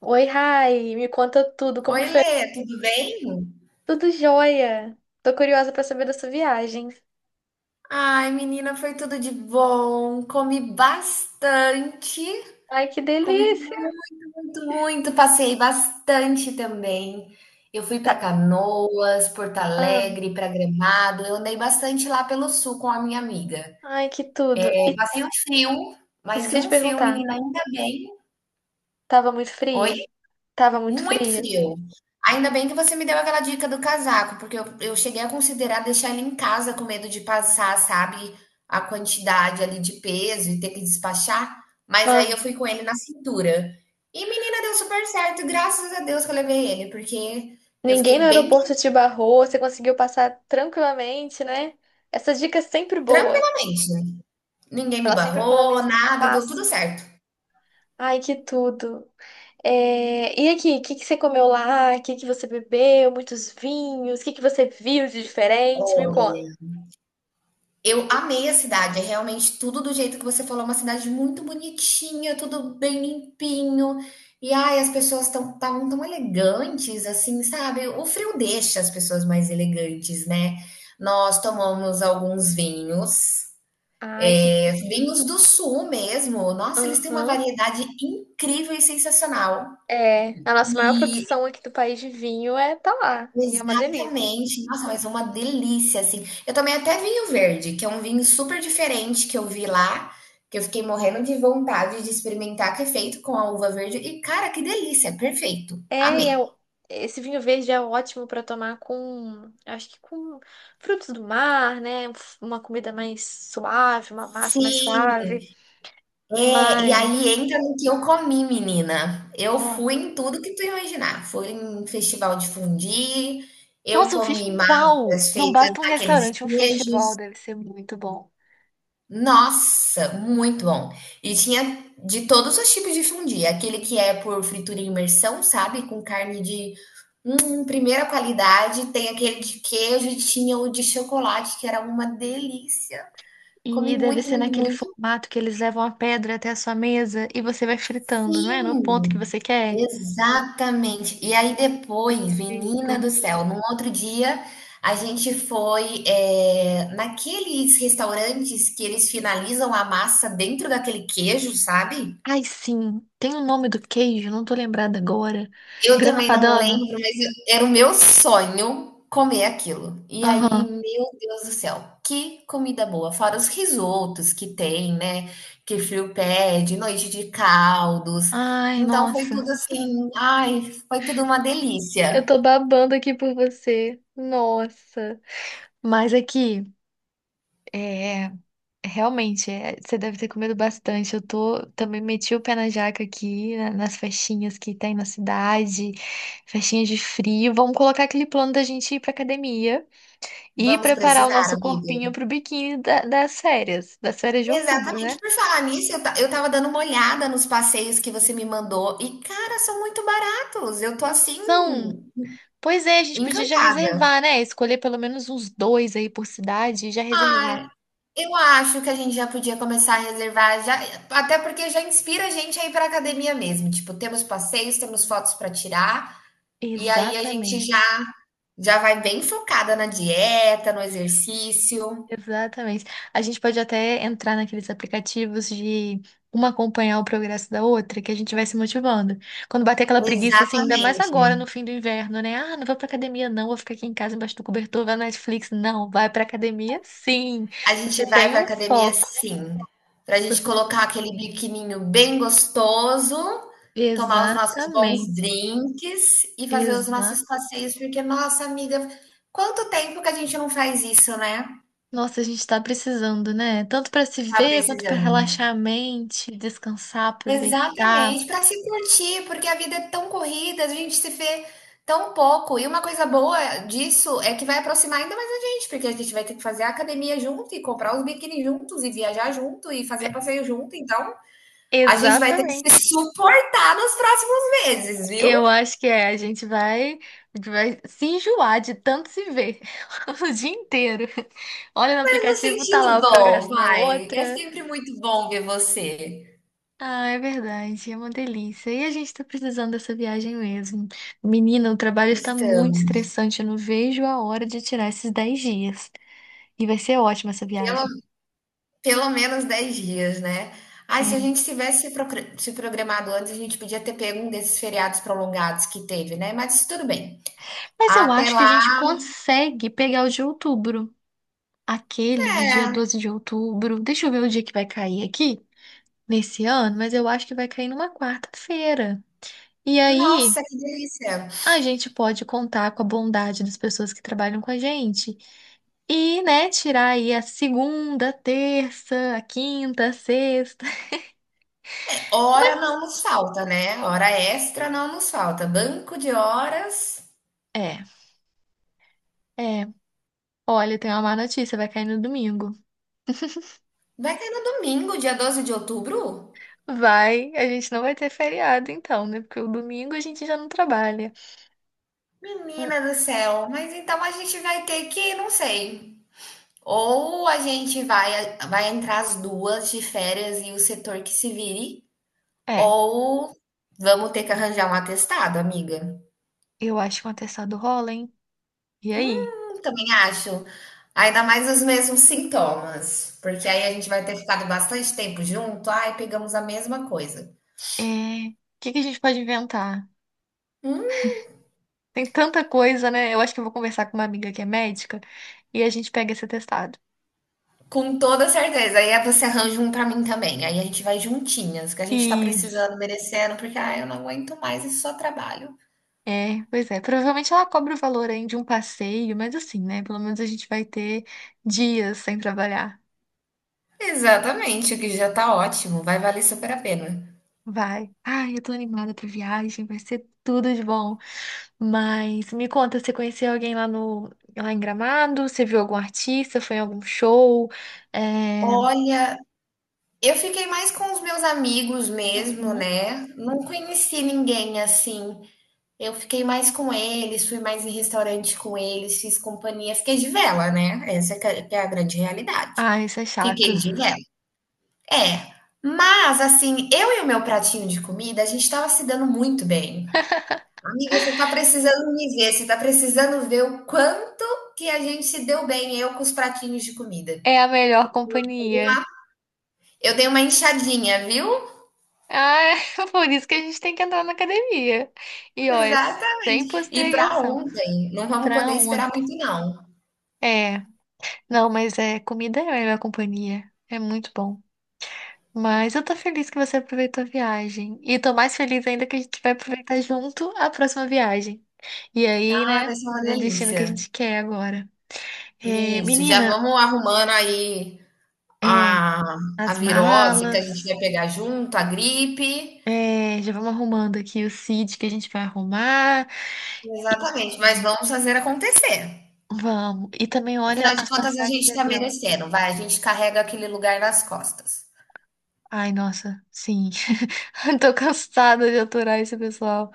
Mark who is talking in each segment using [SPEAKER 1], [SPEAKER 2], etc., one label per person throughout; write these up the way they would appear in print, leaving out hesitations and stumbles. [SPEAKER 1] Oi, Rai, me conta tudo, como
[SPEAKER 2] Oi,
[SPEAKER 1] que foi?
[SPEAKER 2] Lê, tudo bem?
[SPEAKER 1] Tudo jóia. Tô curiosa pra saber da sua viagem.
[SPEAKER 2] Ai, menina, foi tudo de bom. Comi bastante,
[SPEAKER 1] Ai, que
[SPEAKER 2] comi
[SPEAKER 1] delícia.
[SPEAKER 2] muito, muito, muito. Passei bastante também. Eu fui para
[SPEAKER 1] Tá.
[SPEAKER 2] Canoas, Porto
[SPEAKER 1] Ah,
[SPEAKER 2] Alegre, para Gramado. Eu andei bastante lá pelo sul com a minha amiga.
[SPEAKER 1] ai, que tudo.
[SPEAKER 2] Eu
[SPEAKER 1] E
[SPEAKER 2] passei um frio,
[SPEAKER 1] isso que
[SPEAKER 2] mas
[SPEAKER 1] eu ia te
[SPEAKER 2] um frio,
[SPEAKER 1] perguntar.
[SPEAKER 2] menina, ainda bem.
[SPEAKER 1] Tava muito
[SPEAKER 2] Oi?
[SPEAKER 1] frio? Tava muito
[SPEAKER 2] Muito
[SPEAKER 1] frio.
[SPEAKER 2] frio. Ainda bem que você me deu aquela dica do casaco, porque eu cheguei a considerar deixar ele em casa com medo de passar, sabe, a quantidade ali de peso e ter que despachar, mas aí
[SPEAKER 1] Ah,
[SPEAKER 2] eu fui com ele na cintura. E menina, deu super certo, graças a Deus que eu levei ele, porque eu
[SPEAKER 1] ninguém no
[SPEAKER 2] fiquei bem
[SPEAKER 1] aeroporto te barrou, você conseguiu passar tranquilamente, né? Essa dica é sempre boa.
[SPEAKER 2] tranquilamente. Ninguém me
[SPEAKER 1] Ela sempre
[SPEAKER 2] barrou,
[SPEAKER 1] economiza
[SPEAKER 2] nada, deu
[SPEAKER 1] espaço.
[SPEAKER 2] tudo certo.
[SPEAKER 1] Ai, que tudo. É, e aqui, o que que você comeu lá? O que que você bebeu? Muitos vinhos? O que que você viu de diferente? Me conta.
[SPEAKER 2] Olha. Eu amei a cidade, é realmente tudo do jeito que você falou, uma cidade muito bonitinha, tudo bem limpinho. E ai, as pessoas estão tão, tão elegantes, assim, sabe? O frio deixa as pessoas mais elegantes, né? Nós tomamos alguns vinhos,
[SPEAKER 1] Ai,
[SPEAKER 2] é, vinhos do sul mesmo. Nossa, eles têm uma
[SPEAKER 1] Aham.
[SPEAKER 2] variedade incrível e sensacional.
[SPEAKER 1] É, a nossa maior
[SPEAKER 2] E
[SPEAKER 1] produção aqui do país de vinho é tá lá. E é uma delícia.
[SPEAKER 2] Exatamente. Nossa, mas é uma delícia, assim. Eu tomei até vinho verde, que é um vinho super diferente que eu vi lá, que eu fiquei morrendo de vontade de experimentar, que é feito com a uva verde. E, cara, que delícia, é perfeito.
[SPEAKER 1] É, e é,
[SPEAKER 2] Amei.
[SPEAKER 1] esse vinho verde é ótimo pra tomar com, acho que com frutos do mar, né? Uma comida mais suave, uma massa mais
[SPEAKER 2] Sim,
[SPEAKER 1] suave.
[SPEAKER 2] é, e
[SPEAKER 1] Mas.
[SPEAKER 2] aí entra no que eu comi, menina. Eu
[SPEAKER 1] Ah.
[SPEAKER 2] fui em tudo que tu imaginar. Fui em festival de fondue, eu
[SPEAKER 1] Nossa, um
[SPEAKER 2] comi
[SPEAKER 1] festival!
[SPEAKER 2] massas
[SPEAKER 1] Não
[SPEAKER 2] feitas
[SPEAKER 1] basta um
[SPEAKER 2] naqueles
[SPEAKER 1] restaurante, um festival
[SPEAKER 2] queijos.
[SPEAKER 1] deve ser muito bom.
[SPEAKER 2] Nossa, muito bom. E tinha de todos os tipos de fondue, aquele que é por fritura e imersão, sabe, com carne de, primeira qualidade, tem aquele de queijo e tinha o de chocolate, que era uma delícia. Comi
[SPEAKER 1] E deve
[SPEAKER 2] muito,
[SPEAKER 1] ser
[SPEAKER 2] muito,
[SPEAKER 1] naquele
[SPEAKER 2] muito.
[SPEAKER 1] formato que eles levam a pedra até a sua mesa e você vai fritando, não é? No ponto que
[SPEAKER 2] Sim,
[SPEAKER 1] você quer.
[SPEAKER 2] exatamente. E aí depois,
[SPEAKER 1] Eita.
[SPEAKER 2] menina do céu, num outro dia a gente foi, naqueles restaurantes que eles finalizam a massa dentro daquele queijo, sabe?
[SPEAKER 1] Ai, sim. Tem o nome do queijo, não tô lembrada agora.
[SPEAKER 2] Eu
[SPEAKER 1] Grana
[SPEAKER 2] também não
[SPEAKER 1] Padano?
[SPEAKER 2] lembro, mas eu era o meu sonho comer aquilo. E aí,
[SPEAKER 1] Aham.
[SPEAKER 2] meu Deus do céu, que comida boa! Fora os risotos que tem, né, que frio pede, noite de caldos.
[SPEAKER 1] Ai,
[SPEAKER 2] Então foi
[SPEAKER 1] nossa.
[SPEAKER 2] tudo assim, ai, foi tudo uma
[SPEAKER 1] Eu
[SPEAKER 2] delícia.
[SPEAKER 1] tô babando aqui por você. Nossa. Mas aqui, é, realmente, é, você deve ter comido bastante. Eu tô também meti o pé na jaca aqui, nas festinhas que tem na cidade, festinhas de frio. Vamos colocar aquele plano da gente ir pra academia e
[SPEAKER 2] Vamos
[SPEAKER 1] preparar o
[SPEAKER 2] precisar,
[SPEAKER 1] nosso
[SPEAKER 2] amiga.
[SPEAKER 1] corpinho pro biquíni das férias de outubro, né?
[SPEAKER 2] Exatamente. Por falar nisso, eu estava dando uma olhada nos passeios que você me mandou e, cara, são muito baratos. Eu tô
[SPEAKER 1] Não
[SPEAKER 2] assim,
[SPEAKER 1] são. Pois é, a gente podia já
[SPEAKER 2] encantada.
[SPEAKER 1] reservar, né? Escolher pelo menos uns dois aí por cidade e já reservar.
[SPEAKER 2] Ai. Eu acho que a gente já podia começar a reservar, já, até porque já inspira a gente a ir para academia mesmo. Tipo, temos passeios, temos fotos para tirar, e aí a gente já
[SPEAKER 1] Exatamente.
[SPEAKER 2] já vai bem focada na dieta, no exercício.
[SPEAKER 1] Exatamente. A gente pode até entrar naqueles aplicativos de uma acompanhar o progresso da outra, que a gente vai se motivando. Quando bater aquela preguiça, assim, ainda mais
[SPEAKER 2] Exatamente.
[SPEAKER 1] agora no fim do inverno, né? Ah, não vou pra academia, não, vou ficar aqui em casa embaixo do cobertor, vai na Netflix. Não, vai pra academia, sim.
[SPEAKER 2] A gente
[SPEAKER 1] Você
[SPEAKER 2] vai
[SPEAKER 1] tem
[SPEAKER 2] para
[SPEAKER 1] um
[SPEAKER 2] academia
[SPEAKER 1] foco.
[SPEAKER 2] sim, para a gente
[SPEAKER 1] Você.
[SPEAKER 2] colocar aquele biquininho bem gostoso, tomar os nossos bons
[SPEAKER 1] Exatamente.
[SPEAKER 2] drinks e fazer os nossos
[SPEAKER 1] Exatamente.
[SPEAKER 2] passeios, porque, nossa amiga, quanto tempo que a gente não faz isso, né?
[SPEAKER 1] Nossa, a gente tá precisando, né? Tanto pra se
[SPEAKER 2] Tá
[SPEAKER 1] ver, quanto pra
[SPEAKER 2] precisando.
[SPEAKER 1] relaxar a mente, descansar, aproveitar.
[SPEAKER 2] Exatamente, para se curtir, porque a vida é tão corrida, a gente se vê tão pouco. E uma coisa boa disso é que vai aproximar ainda mais a gente, porque a gente vai ter que fazer a academia junto e comprar os biquíni juntos e viajar junto e fazer passeio junto. Então, a gente vai ter que
[SPEAKER 1] Exatamente.
[SPEAKER 2] se suportar nos próximos meses, viu?
[SPEAKER 1] Eu acho que é, a gente vai se enjoar de tanto se ver o dia inteiro. Olha no
[SPEAKER 2] Mas no
[SPEAKER 1] aplicativo, tá
[SPEAKER 2] sentido
[SPEAKER 1] lá o
[SPEAKER 2] bom,
[SPEAKER 1] progresso da
[SPEAKER 2] vai. É
[SPEAKER 1] outra.
[SPEAKER 2] sempre muito bom ver você.
[SPEAKER 1] Ah, é verdade, é uma delícia. E a gente tá precisando dessa viagem mesmo. Menina, o trabalho está muito
[SPEAKER 2] Então,
[SPEAKER 1] estressante, eu não vejo a hora de tirar esses 10 dias. E vai ser ótima essa
[SPEAKER 2] pelo
[SPEAKER 1] viagem.
[SPEAKER 2] Pelo menos 10 dias, né? Ai, se a
[SPEAKER 1] É.
[SPEAKER 2] gente tivesse se programado antes, a gente podia ter pego um desses feriados prolongados que teve, né? Mas tudo bem.
[SPEAKER 1] Mas eu
[SPEAKER 2] Até
[SPEAKER 1] acho que a gente
[SPEAKER 2] lá,
[SPEAKER 1] consegue pegar o de outubro. Aquele do dia
[SPEAKER 2] é.
[SPEAKER 1] 12 de outubro. Deixa eu ver o dia que vai cair aqui nesse ano, mas eu acho que vai cair numa quarta-feira. E aí
[SPEAKER 2] Nossa, que delícia.
[SPEAKER 1] a gente pode contar com a bondade das pessoas que trabalham com a gente. E, né, tirar aí a segunda, a terça, a quinta, a sexta.
[SPEAKER 2] Hora não nos falta, né? Hora extra não nos falta. Banco de horas.
[SPEAKER 1] É, é. Olha, tem uma má notícia, vai cair no domingo.
[SPEAKER 2] Vai cair no domingo, dia 12 de outubro?
[SPEAKER 1] Vai, a gente não vai ter feriado então, né? Porque o domingo a gente já não trabalha. Hum.
[SPEAKER 2] Menina do céu, mas então a gente vai ter que, não sei. Ou a gente vai, vai entrar as duas de férias e o setor que se vire.
[SPEAKER 1] É.
[SPEAKER 2] Ou vamos ter que arranjar um atestado, amiga.
[SPEAKER 1] Eu acho que um atestado rola, hein? E aí?
[SPEAKER 2] Também acho. Ainda mais os mesmos sintomas, porque aí a gente vai ter ficado bastante tempo junto, ai, pegamos a mesma coisa.
[SPEAKER 1] É... O que que a gente pode inventar?
[SPEAKER 2] Hum?
[SPEAKER 1] Tem tanta coisa, né? Eu acho que eu vou conversar com uma amiga que é médica e a gente pega esse atestado.
[SPEAKER 2] Com toda certeza. Aí você arranja um pra mim também. Aí a gente vai juntinhas, que a gente tá
[SPEAKER 1] E,
[SPEAKER 2] precisando, merecendo, porque ai, eu não aguento mais esse só trabalho.
[SPEAKER 1] é, pois é, provavelmente ela cobra o valor aí de um passeio, mas assim, né? Pelo menos a gente vai ter dias sem trabalhar.
[SPEAKER 2] Exatamente, o que já tá ótimo, vai valer super a pena.
[SPEAKER 1] Vai. Ai, eu tô animada pra viagem, vai ser tudo de bom. Mas me conta, você conheceu alguém lá no lá em Gramado? Você viu algum artista? Foi em algum show? É...
[SPEAKER 2] Olha, eu fiquei mais com os meus amigos mesmo,
[SPEAKER 1] Uhum.
[SPEAKER 2] né? Não conheci ninguém assim. Eu fiquei mais com eles, fui mais em restaurante com eles, fiz companhia, fiquei de vela, né, essa é que é a grande realidade.
[SPEAKER 1] Ai, isso é chato.
[SPEAKER 2] Fiquei de vela. É, mas assim, eu e o meu pratinho de comida, a gente estava se dando muito bem. "Amiga, você tá precisando me ver, você tá precisando ver o quanto que a gente se deu bem, eu com os pratinhos de comida.
[SPEAKER 1] É a melhor companhia.
[SPEAKER 2] Eu dei uma inchadinha, viu?"
[SPEAKER 1] Ah, por isso que a gente tem que entrar na academia. E ó, é sem
[SPEAKER 2] Exatamente. E pra
[SPEAKER 1] postergação.
[SPEAKER 2] ontem, não vamos
[SPEAKER 1] Pra
[SPEAKER 2] poder esperar
[SPEAKER 1] ontem.
[SPEAKER 2] muito não,
[SPEAKER 1] É, não, mas é, comida é a melhor companhia. É muito bom. Mas eu tô feliz que você aproveitou a viagem. E tô mais feliz ainda que a gente vai aproveitar junto a próxima viagem. E aí,
[SPEAKER 2] tá,
[SPEAKER 1] né,
[SPEAKER 2] vai ser uma
[SPEAKER 1] no destino que a
[SPEAKER 2] delícia.
[SPEAKER 1] gente quer agora. É,
[SPEAKER 2] Isso, já
[SPEAKER 1] menina,
[SPEAKER 2] vamos arrumando aí
[SPEAKER 1] é,
[SPEAKER 2] a, a
[SPEAKER 1] as
[SPEAKER 2] virose que a gente
[SPEAKER 1] malas.
[SPEAKER 2] vai pegar junto, a gripe.
[SPEAKER 1] É, já vamos arrumando aqui o seat que a gente vai arrumar.
[SPEAKER 2] Exatamente, mas vamos fazer acontecer.
[SPEAKER 1] Vamos. E também olha
[SPEAKER 2] Afinal de
[SPEAKER 1] as
[SPEAKER 2] contas, a
[SPEAKER 1] passagens
[SPEAKER 2] gente
[SPEAKER 1] de
[SPEAKER 2] está
[SPEAKER 1] avião.
[SPEAKER 2] merecendo, vai, a gente carrega aquele lugar nas costas.
[SPEAKER 1] Ai, nossa, sim. Tô cansada de aturar esse pessoal.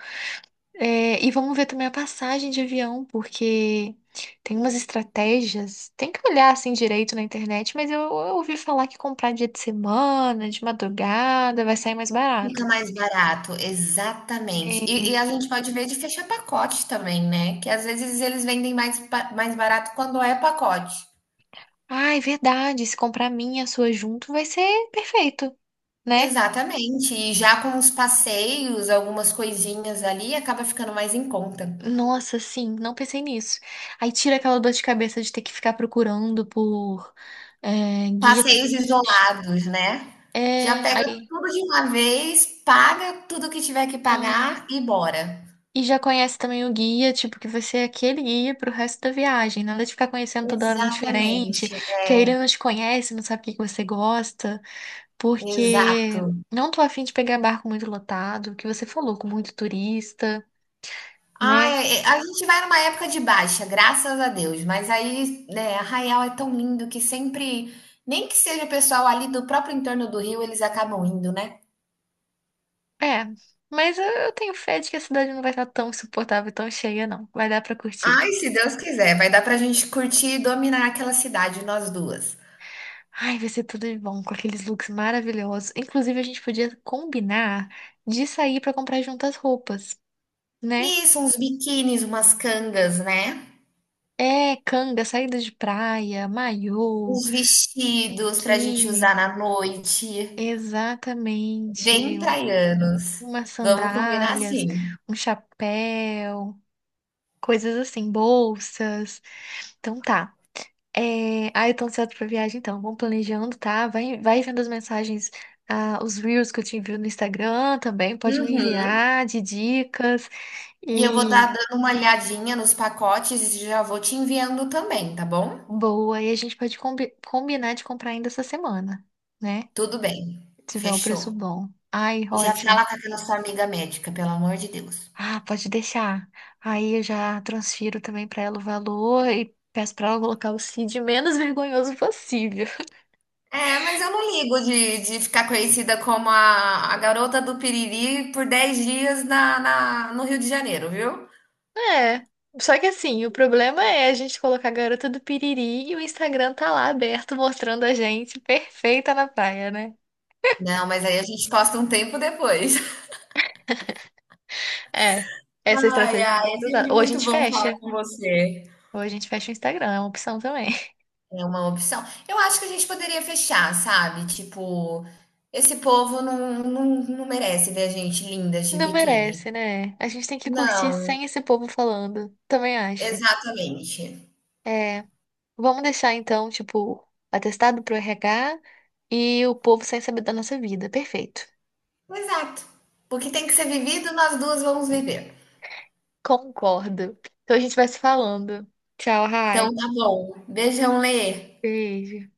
[SPEAKER 1] É, e vamos ver também a passagem de avião, porque tem umas estratégias. Tem que olhar assim direito na internet, mas eu ouvi falar que comprar dia de semana, de madrugada, vai sair mais
[SPEAKER 2] Fica
[SPEAKER 1] barato.
[SPEAKER 2] mais barato, exatamente.
[SPEAKER 1] É.
[SPEAKER 2] E a gente pode ver de fechar pacote também, né? Que às vezes eles vendem mais, mais barato quando é pacote.
[SPEAKER 1] Ah, é verdade. Se comprar a minha e a sua junto, vai ser perfeito, né?
[SPEAKER 2] Exatamente. E já com os passeios, algumas coisinhas ali, acaba ficando mais em conta.
[SPEAKER 1] Nossa, sim, não pensei nisso. Aí tira aquela dor de cabeça de ter que ficar procurando por é, guia
[SPEAKER 2] Passeios
[SPEAKER 1] turístico.
[SPEAKER 2] isolados, né. Já
[SPEAKER 1] É,
[SPEAKER 2] pega
[SPEAKER 1] aí,
[SPEAKER 2] tudo de uma vez, paga tudo que tiver que
[SPEAKER 1] sim.
[SPEAKER 2] pagar e bora.
[SPEAKER 1] E já conhece também o guia, tipo, que vai ser aquele guia pro resto da viagem. Nada de ficar conhecendo toda hora um
[SPEAKER 2] Exatamente,
[SPEAKER 1] diferente, que aí
[SPEAKER 2] é,
[SPEAKER 1] ele não te conhece, não sabe o que que você gosta, porque
[SPEAKER 2] exato.
[SPEAKER 1] não tô afim de pegar barco muito lotado, que você falou, com muito turista,
[SPEAKER 2] Ai,
[SPEAKER 1] né?
[SPEAKER 2] é, a gente vai numa época de baixa, graças a Deus, mas aí, né, Arraial é tão lindo que sempre nem que seja o pessoal ali do próprio entorno do Rio, eles acabam indo, né.
[SPEAKER 1] É, mas eu tenho fé de que a cidade não vai estar tão insuportável, tão cheia, não. Vai dar pra curtir.
[SPEAKER 2] Ai, se Deus quiser, vai dar pra gente curtir e dominar aquela cidade, nós duas.
[SPEAKER 1] Ai, vai ser tudo de bom, com aqueles looks maravilhosos. Inclusive, a gente podia combinar de sair pra comprar juntas roupas, né?
[SPEAKER 2] Isso, uns biquínis, umas cangas, né.
[SPEAKER 1] É, canga, saída de praia, maiô,
[SPEAKER 2] Os vestidos pra gente usar
[SPEAKER 1] biquíni.
[SPEAKER 2] na noite, bem
[SPEAKER 1] Exatamente.
[SPEAKER 2] praianos.
[SPEAKER 1] Umas
[SPEAKER 2] Vamos combinar
[SPEAKER 1] sandálias,
[SPEAKER 2] assim.
[SPEAKER 1] um chapéu, coisas assim, bolsas. Então tá. É... Ah, eu tô ansiosa pra viagem, então. Vamos planejando, tá? Vai, vai vendo as mensagens, ah, os reels que eu te envio no Instagram também. Pode me
[SPEAKER 2] Uhum.
[SPEAKER 1] enviar de dicas.
[SPEAKER 2] E eu vou estar
[SPEAKER 1] E
[SPEAKER 2] dando uma olhadinha nos pacotes e já vou te enviando também, tá bom?
[SPEAKER 1] boa, e a gente pode combinar de comprar ainda essa semana, né?
[SPEAKER 2] Tudo bem,
[SPEAKER 1] Se tiver um preço
[SPEAKER 2] fechou.
[SPEAKER 1] bom. Ai,
[SPEAKER 2] E já
[SPEAKER 1] ótimo.
[SPEAKER 2] fala com aquela sua amiga médica, pelo amor de Deus.
[SPEAKER 1] Ah, pode deixar. Aí eu já transfiro também pra ela o valor e peço pra ela colocar o CID menos vergonhoso possível.
[SPEAKER 2] É, mas eu não ligo de ficar conhecida como a garota do Piriri por 10 dias na, no Rio de Janeiro, viu?
[SPEAKER 1] É. Só que assim, o problema é a gente colocar a garota do piriri e o Instagram tá lá aberto mostrando a gente perfeita na praia, né?
[SPEAKER 2] Não, mas aí a gente posta um tempo depois.
[SPEAKER 1] É. Essa
[SPEAKER 2] Ai,
[SPEAKER 1] estratégia vai
[SPEAKER 2] ai,
[SPEAKER 1] ter
[SPEAKER 2] é
[SPEAKER 1] que ser usada.
[SPEAKER 2] sempre
[SPEAKER 1] Ou a
[SPEAKER 2] muito
[SPEAKER 1] gente
[SPEAKER 2] bom falar
[SPEAKER 1] fecha.
[SPEAKER 2] com você.
[SPEAKER 1] Ou a gente fecha o Instagram, é uma opção também.
[SPEAKER 2] É uma opção. Eu acho que a gente poderia fechar, sabe? Tipo, esse povo não, não merece ver a gente linda de
[SPEAKER 1] Não
[SPEAKER 2] biquíni.
[SPEAKER 1] merece, né? A gente tem que curtir
[SPEAKER 2] Não,
[SPEAKER 1] sem esse povo falando. Também acho.
[SPEAKER 2] exatamente.
[SPEAKER 1] É. Vamos deixar então, tipo, atestado pro RH e o povo sem saber da nossa vida. Perfeito.
[SPEAKER 2] Exato. Porque tem que ser vivido, nós duas vamos viver.
[SPEAKER 1] Concordo. Então a gente vai se falando. Tchau, Rai.
[SPEAKER 2] Então tá bom. Beijão, Lê.
[SPEAKER 1] Beijo.